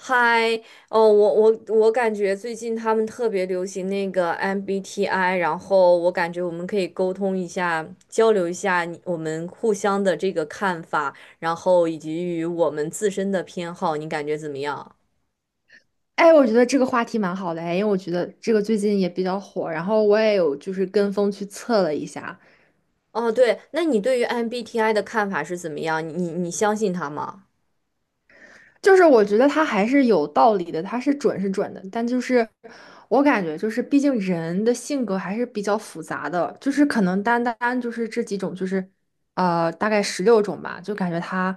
嗨，哦，我感觉最近他们特别流行那个 MBTI，然后我感觉我们可以沟通一下，交流一下我们互相的这个看法，然后以及与我们自身的偏好，你感觉怎么样？哎，我觉得这个话题蛮好的哎，因为我觉得这个最近也比较火，然后我也有就是跟风去测了一下，哦，对，那你对于 MBTI 的看法是怎么样？你相信他吗？就是我觉得它还是有道理的，它是准是准的，但就是我感觉就是毕竟人的性格还是比较复杂的，就是可能单单就是这几种，就是大概十六种吧，就感觉它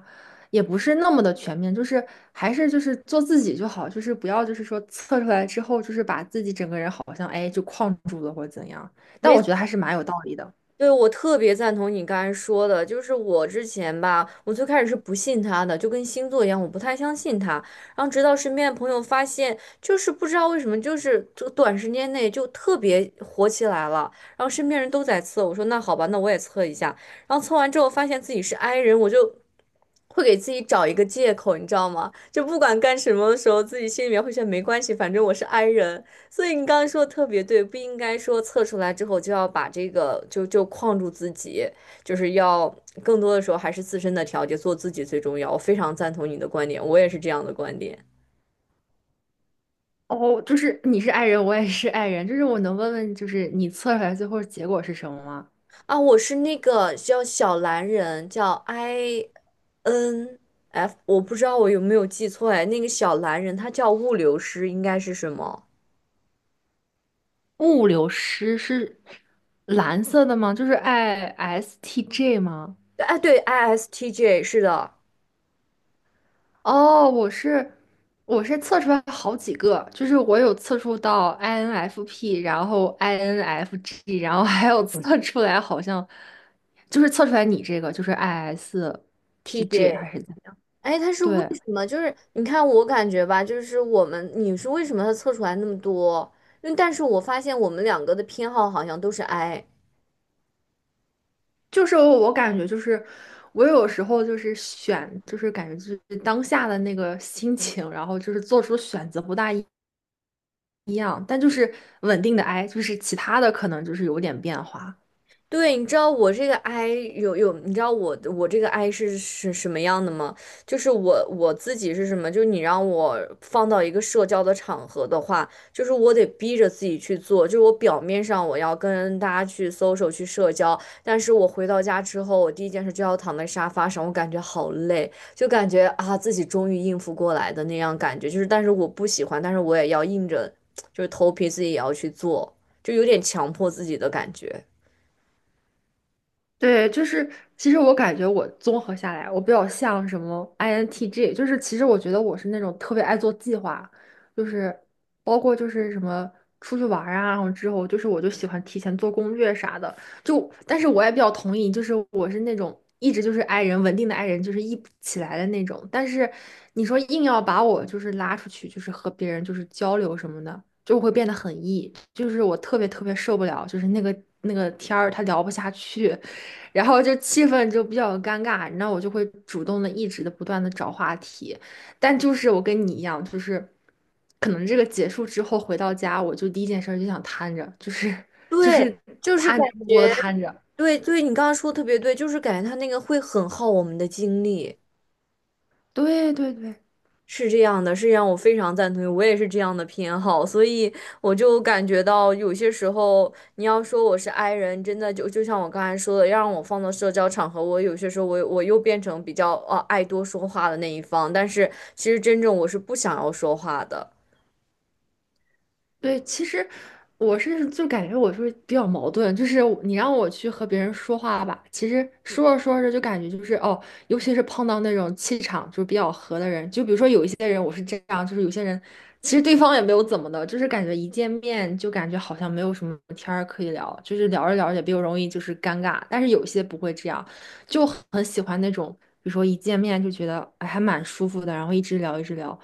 也不是那么的全面，就是还是就是做自己就好，就是不要就是说测出来之后就是把自己整个人好像哎就框住了或者怎样，但没。我觉得还是蛮有道理的。对，我特别赞同你刚才说的，就是我之前吧，我最开始是不信他的，就跟星座一样，我不太相信他。然后直到身边的朋友发现，就是不知道为什么，就是这短时间内就特别火起来了。然后身边人都在测，我说那好吧，那我也测一下。然后测完之后发现自己是 i 人，我就会给自己找一个借口，你知道吗？就不管干什么的时候，自己心里面会觉得没关系，反正我是 i 人。所以你刚刚说的特别对，不应该说测出来之后就要把这个就框住自己，就是要更多的时候还是自身的调节，做自己最重要。我非常赞同你的观点，我也是这样的观点。哦，就是你是 i 人，我也是 i 人，就是我能问问，就是你测出来最后结果是什么吗？啊，我是那个叫小蓝人，叫 I N F，我不知道我有没有记错哎，那个小蓝人他叫物流师，应该是什么？物流师是蓝色的吗？就是 ISTJ 吗？哎，对，ISTJ 是的哦，我是测出来好几个，就是我有测出到 INFP，然后 INFG，然后还有测出来好像就是测出来你这个就是 ISTJ ，TJ。还是怎么样？哎，他是为对。什么？就是你看，我感觉吧，就是你是为什么他测出来那么多？因为但是我发现我们两个的偏好好像都是 I。就是我感觉就是我有时候就是选，就是感觉就是当下的那个心情，然后就是做出的选择不大一样，但就是稳定的 I,就是其他的可能就是有点变化。对，你知道我这个 I， 你知道我这个 I 是什么样的吗？就是我自己是什么？就是你让我放到一个社交的场合的话，就是我得逼着自己去做，就是我表面上我要跟大家去 social 去社交，但是我回到家之后，我第一件事就要躺在沙发上，我感觉好累，就感觉啊自己终于应付过来的那样感觉，就是但是我不喜欢，但是我也要硬着，就是头皮自己也要去做，就有点强迫自己的感觉。对，就是其实我感觉我综合下来，我比较像什么 INTJ，就是其实我觉得我是那种特别爱做计划，就是包括就是什么出去玩儿啊，然后之后就是我就喜欢提前做攻略啥的。就但是我也比较同意，就是我是那种一直就是 i 人稳定的 i 人，就是一起来的那种。但是你说硬要把我就是拉出去，就是和别人就是交流什么的。就会变得很 E，就是我特别特别受不了，就是那个天儿他聊不下去，然后就气氛就比较尴尬，那我就会主动的一直的不断的找话题，但就是我跟你一样，就是可能这个结束之后回到家，我就第一件事儿就想瘫着，就是就对，是就是瘫感着默默的觉，瘫着，对对，你刚刚说的特别对，就是感觉他那个会很耗我们的精力，对对对。是这样的，是让我非常赞同，我也是这样的偏好，所以我就感觉到有些时候，你要说我是 i 人，真的就像我刚才说的，要让我放到社交场合，我有些时候我又变成比较爱多说话的那一方，但是其实真正我是不想要说话的。对，其实我是就感觉我是比较矛盾，就是我你让我去和别人说话吧，其实说着说着就感觉就是哦，尤其是碰到那种气场就是比较合的人，就比如说有一些人我是这样，就是有些人其实对方也没有怎么的，就是感觉一见面就感觉好像没有什么天儿可以聊，就是聊着聊着也比较容易就是尴尬，但是有些不会这样，就很喜欢那种，比如说一见面就觉得哎还蛮舒服的，然后一直聊一直聊。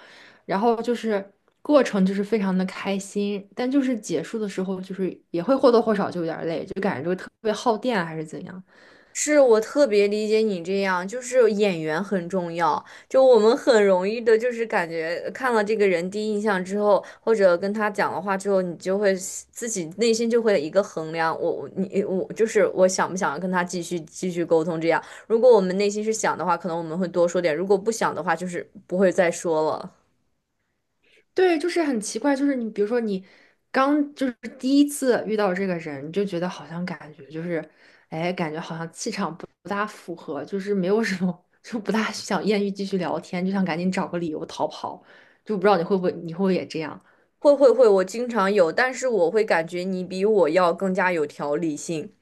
然后就是过程就是非常的开心，但就是结束的时候就是也会或多或少就有点累，就感觉这个特别耗电啊还是怎样。是我特别理解你这样，就是演员很重要。就我们很容易的，就是感觉看了这个人第一印象之后，或者跟他讲了话之后，你就会自己内心就会有一个衡量，我就是我想不想跟他继续沟通这样。如果我们内心是想的话，可能我们会多说点；如果不想的话，就是不会再说了。对，就是很奇怪，就是你比如说你刚就是第一次遇到这个人，你就觉得好像感觉就是，哎，感觉好像气场不大符合，就是没有什么，就不大想艳遇继续聊天，就想赶紧找个理由逃跑，就不知道你会不会也这样。会会会，我经常有，但是我会感觉你比我要更加有条理性，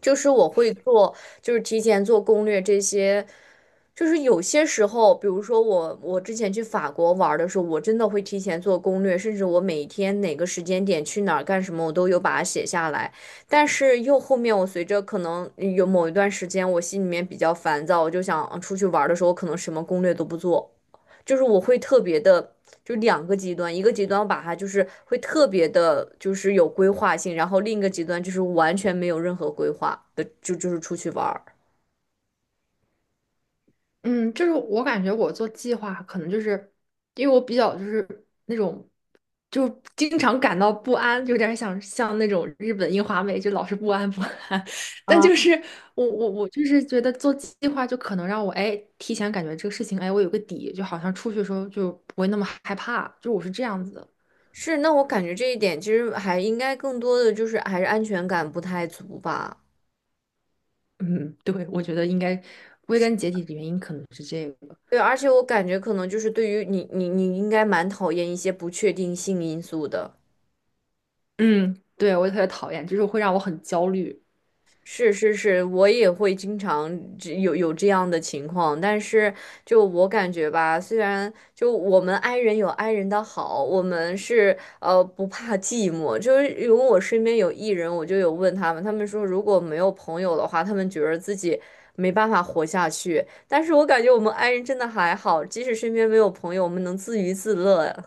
就是我会做。就是提前做攻略这些，就是有些时候，比如说我，我之前去法国玩儿的时候，我真的会提前做攻略，甚至我每天哪个时间点去哪儿干什么，我都有把它写下来。但是又后面，我随着可能有某一段时间，我心里面比较烦躁，我就想嗯出去玩儿的时候，我可能什么攻略都不做，就是我会特别的，就两个极端，一个极端我把它就是会特别的，就是有规划性，然后另一个极端就是完全没有任何规划的，就是出去玩儿。嗯，就是我感觉我做计划，可能就是因为我比较就是那种，就经常感到不安，有点想像那种日本樱花妹，就老是不安不安。但啊，就是我就是觉得做计划，就可能让我哎提前感觉这个事情，哎我有个底，就好像出去的时候就不会那么害怕，就我是这样子的。是，那我感觉这一点其实还应该更多的就是还是安全感不太足吧。嗯，对，我觉得应该归根结底的原因可能是这个。对，而且我感觉可能就是对于你，你应该蛮讨厌一些不确定性因素的。嗯，对，我也特别讨厌，就是会让我很焦虑。是是是，我也会经常有这样的情况，但是就我感觉吧，虽然就我们 i 人有 i 人的好，我们是不怕寂寞，就是因为我身边有 e 人，我就有问他们，他们说如果没有朋友的话，他们觉得自己没办法活下去，但是我感觉我们 i 人真的还好，即使身边没有朋友，我们能自娱自乐。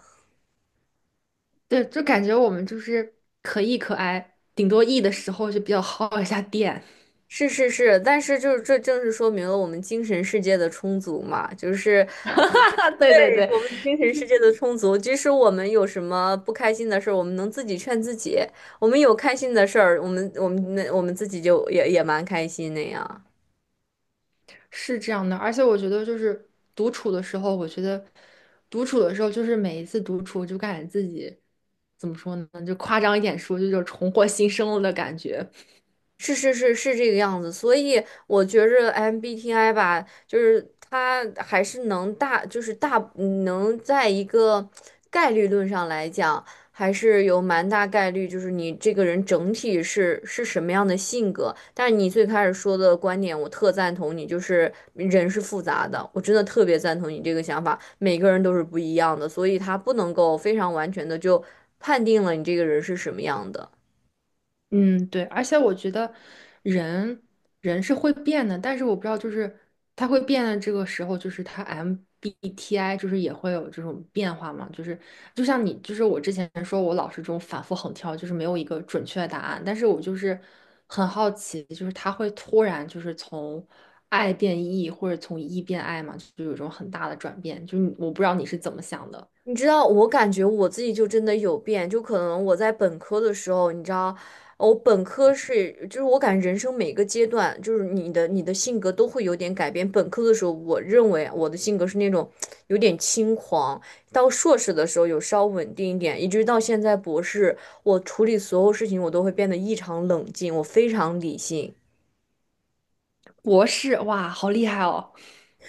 对，就感觉我们就是可 E 可 I，顶多 E 的时候就比较耗一下电，是是是，但是就是这正是说明了我们精神世界的充足嘛，就是。啊对对，对对，我们精神世界的充足，即使我们有什么不开心的事儿，我们能自己劝自己；我们有开心的事儿，我们自己就也蛮开心那样。是这样的。而且我觉得就是独处的时候，我觉得独处的时候就是每一次独处就感觉自己怎么说呢，就夸张一点说，就有重获新生了的感觉。是是是是这个样子，所以我觉着 MBTI 吧，就是它还是能大，就是大能在一个概率论上来讲，还是有蛮大概率，就是你这个人整体是什么样的性格。但是你最开始说的观点，我特赞同你，就是人是复杂的，我真的特别赞同你这个想法，每个人都是不一样的，所以他不能够非常完全的就判定了你这个人是什么样的。嗯，对，而且我觉得人人是会变的，但是我不知道，就是他会变的这个时候，就是他 MBTI 就是也会有这种变化嘛，就是就像你，就是我之前说我老是这种反复横跳，就是没有一个准确的答案，但是我就是很好奇，就是他会突然就是从爱变 E 或者从 E 变 I 嘛，就有一种很大的转变，就是你我不知道你是怎么想的。你知道，我感觉我自己就真的有变，就可能我在本科的时候，你知道，我本科是，就是我感觉人生每个阶段，就是你的性格都会有点改变。本科的时候，我认为我的性格是那种 有点轻狂，到硕士的时候有稍稳定一点，一直到现在博士，我处理所有事情我都会变得异常冷静，我非常理性。博士，哇，好厉害哦！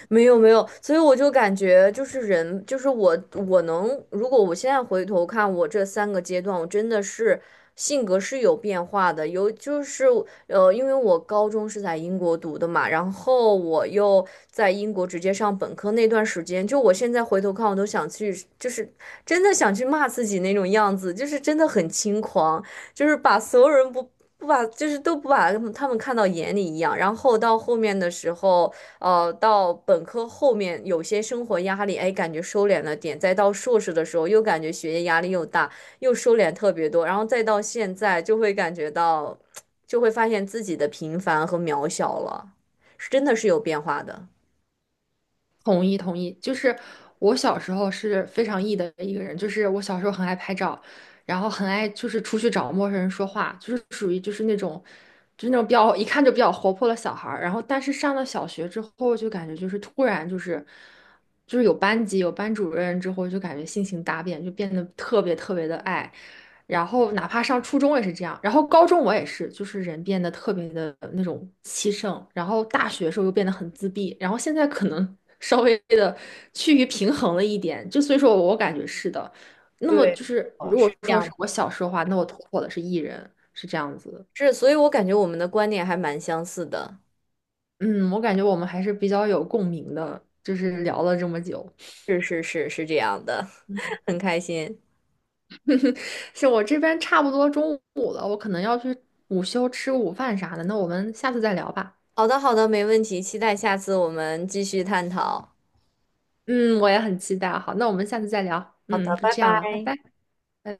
没有没有，所以我就感觉就是人，就是我，我能，如果我现在回头看我这三个阶段，我真的是性格是有变化的，有就是因为我高中是在英国读的嘛，然后我又在英国直接上本科那段时间，就我现在回头看，我都想去，就是真的想去骂自己那种样子，就是真的很轻狂，就是把所有人不把，就是都不把他们看到眼里一样，然后到后面的时候。到本科后面有些生活压力，哎，感觉收敛了点；再到硕士的时候，又感觉学业压力又大，又收敛特别多。然后再到现在，就会感觉到，就会发现自己的平凡和渺小了，是真的是有变化的。同意同意，就是我小时候是非常 E 的一个人，就是我小时候很爱拍照，然后很爱就是出去找陌生人说话，就是属于就是那种，就是那种比较一看就比较活泼的小孩儿。然后但是上了小学之后，就感觉就是突然就是就是有班级有班主任之后，就感觉性情大变，就变得特别特别的爱。然后哪怕上初中也是这样，然后高中我也是，就是人变得特别的那种气盛，然后大学时候又变得很自闭，然后现在可能稍微的趋于平衡了一点，就所以说我感觉是的。那么对，就是哦，如是果这说样是的，我小时候的话，那我突破的是 E 人，是这样子。是，所以我感觉我们的观点还蛮相似的。嗯，我感觉我们还是比较有共鸣的，就是聊了这么久。是是是是这样的，嗯，很开心。是我这边差不多中午了，我可能要去午休吃午饭啥的，那我们下次再聊吧。好的好的，没问题，期待下次我们继续探讨。嗯，我也很期待啊。好，那我们下次再聊。好嗯，的，就拜这样吧，拜拜。拜。拜拜。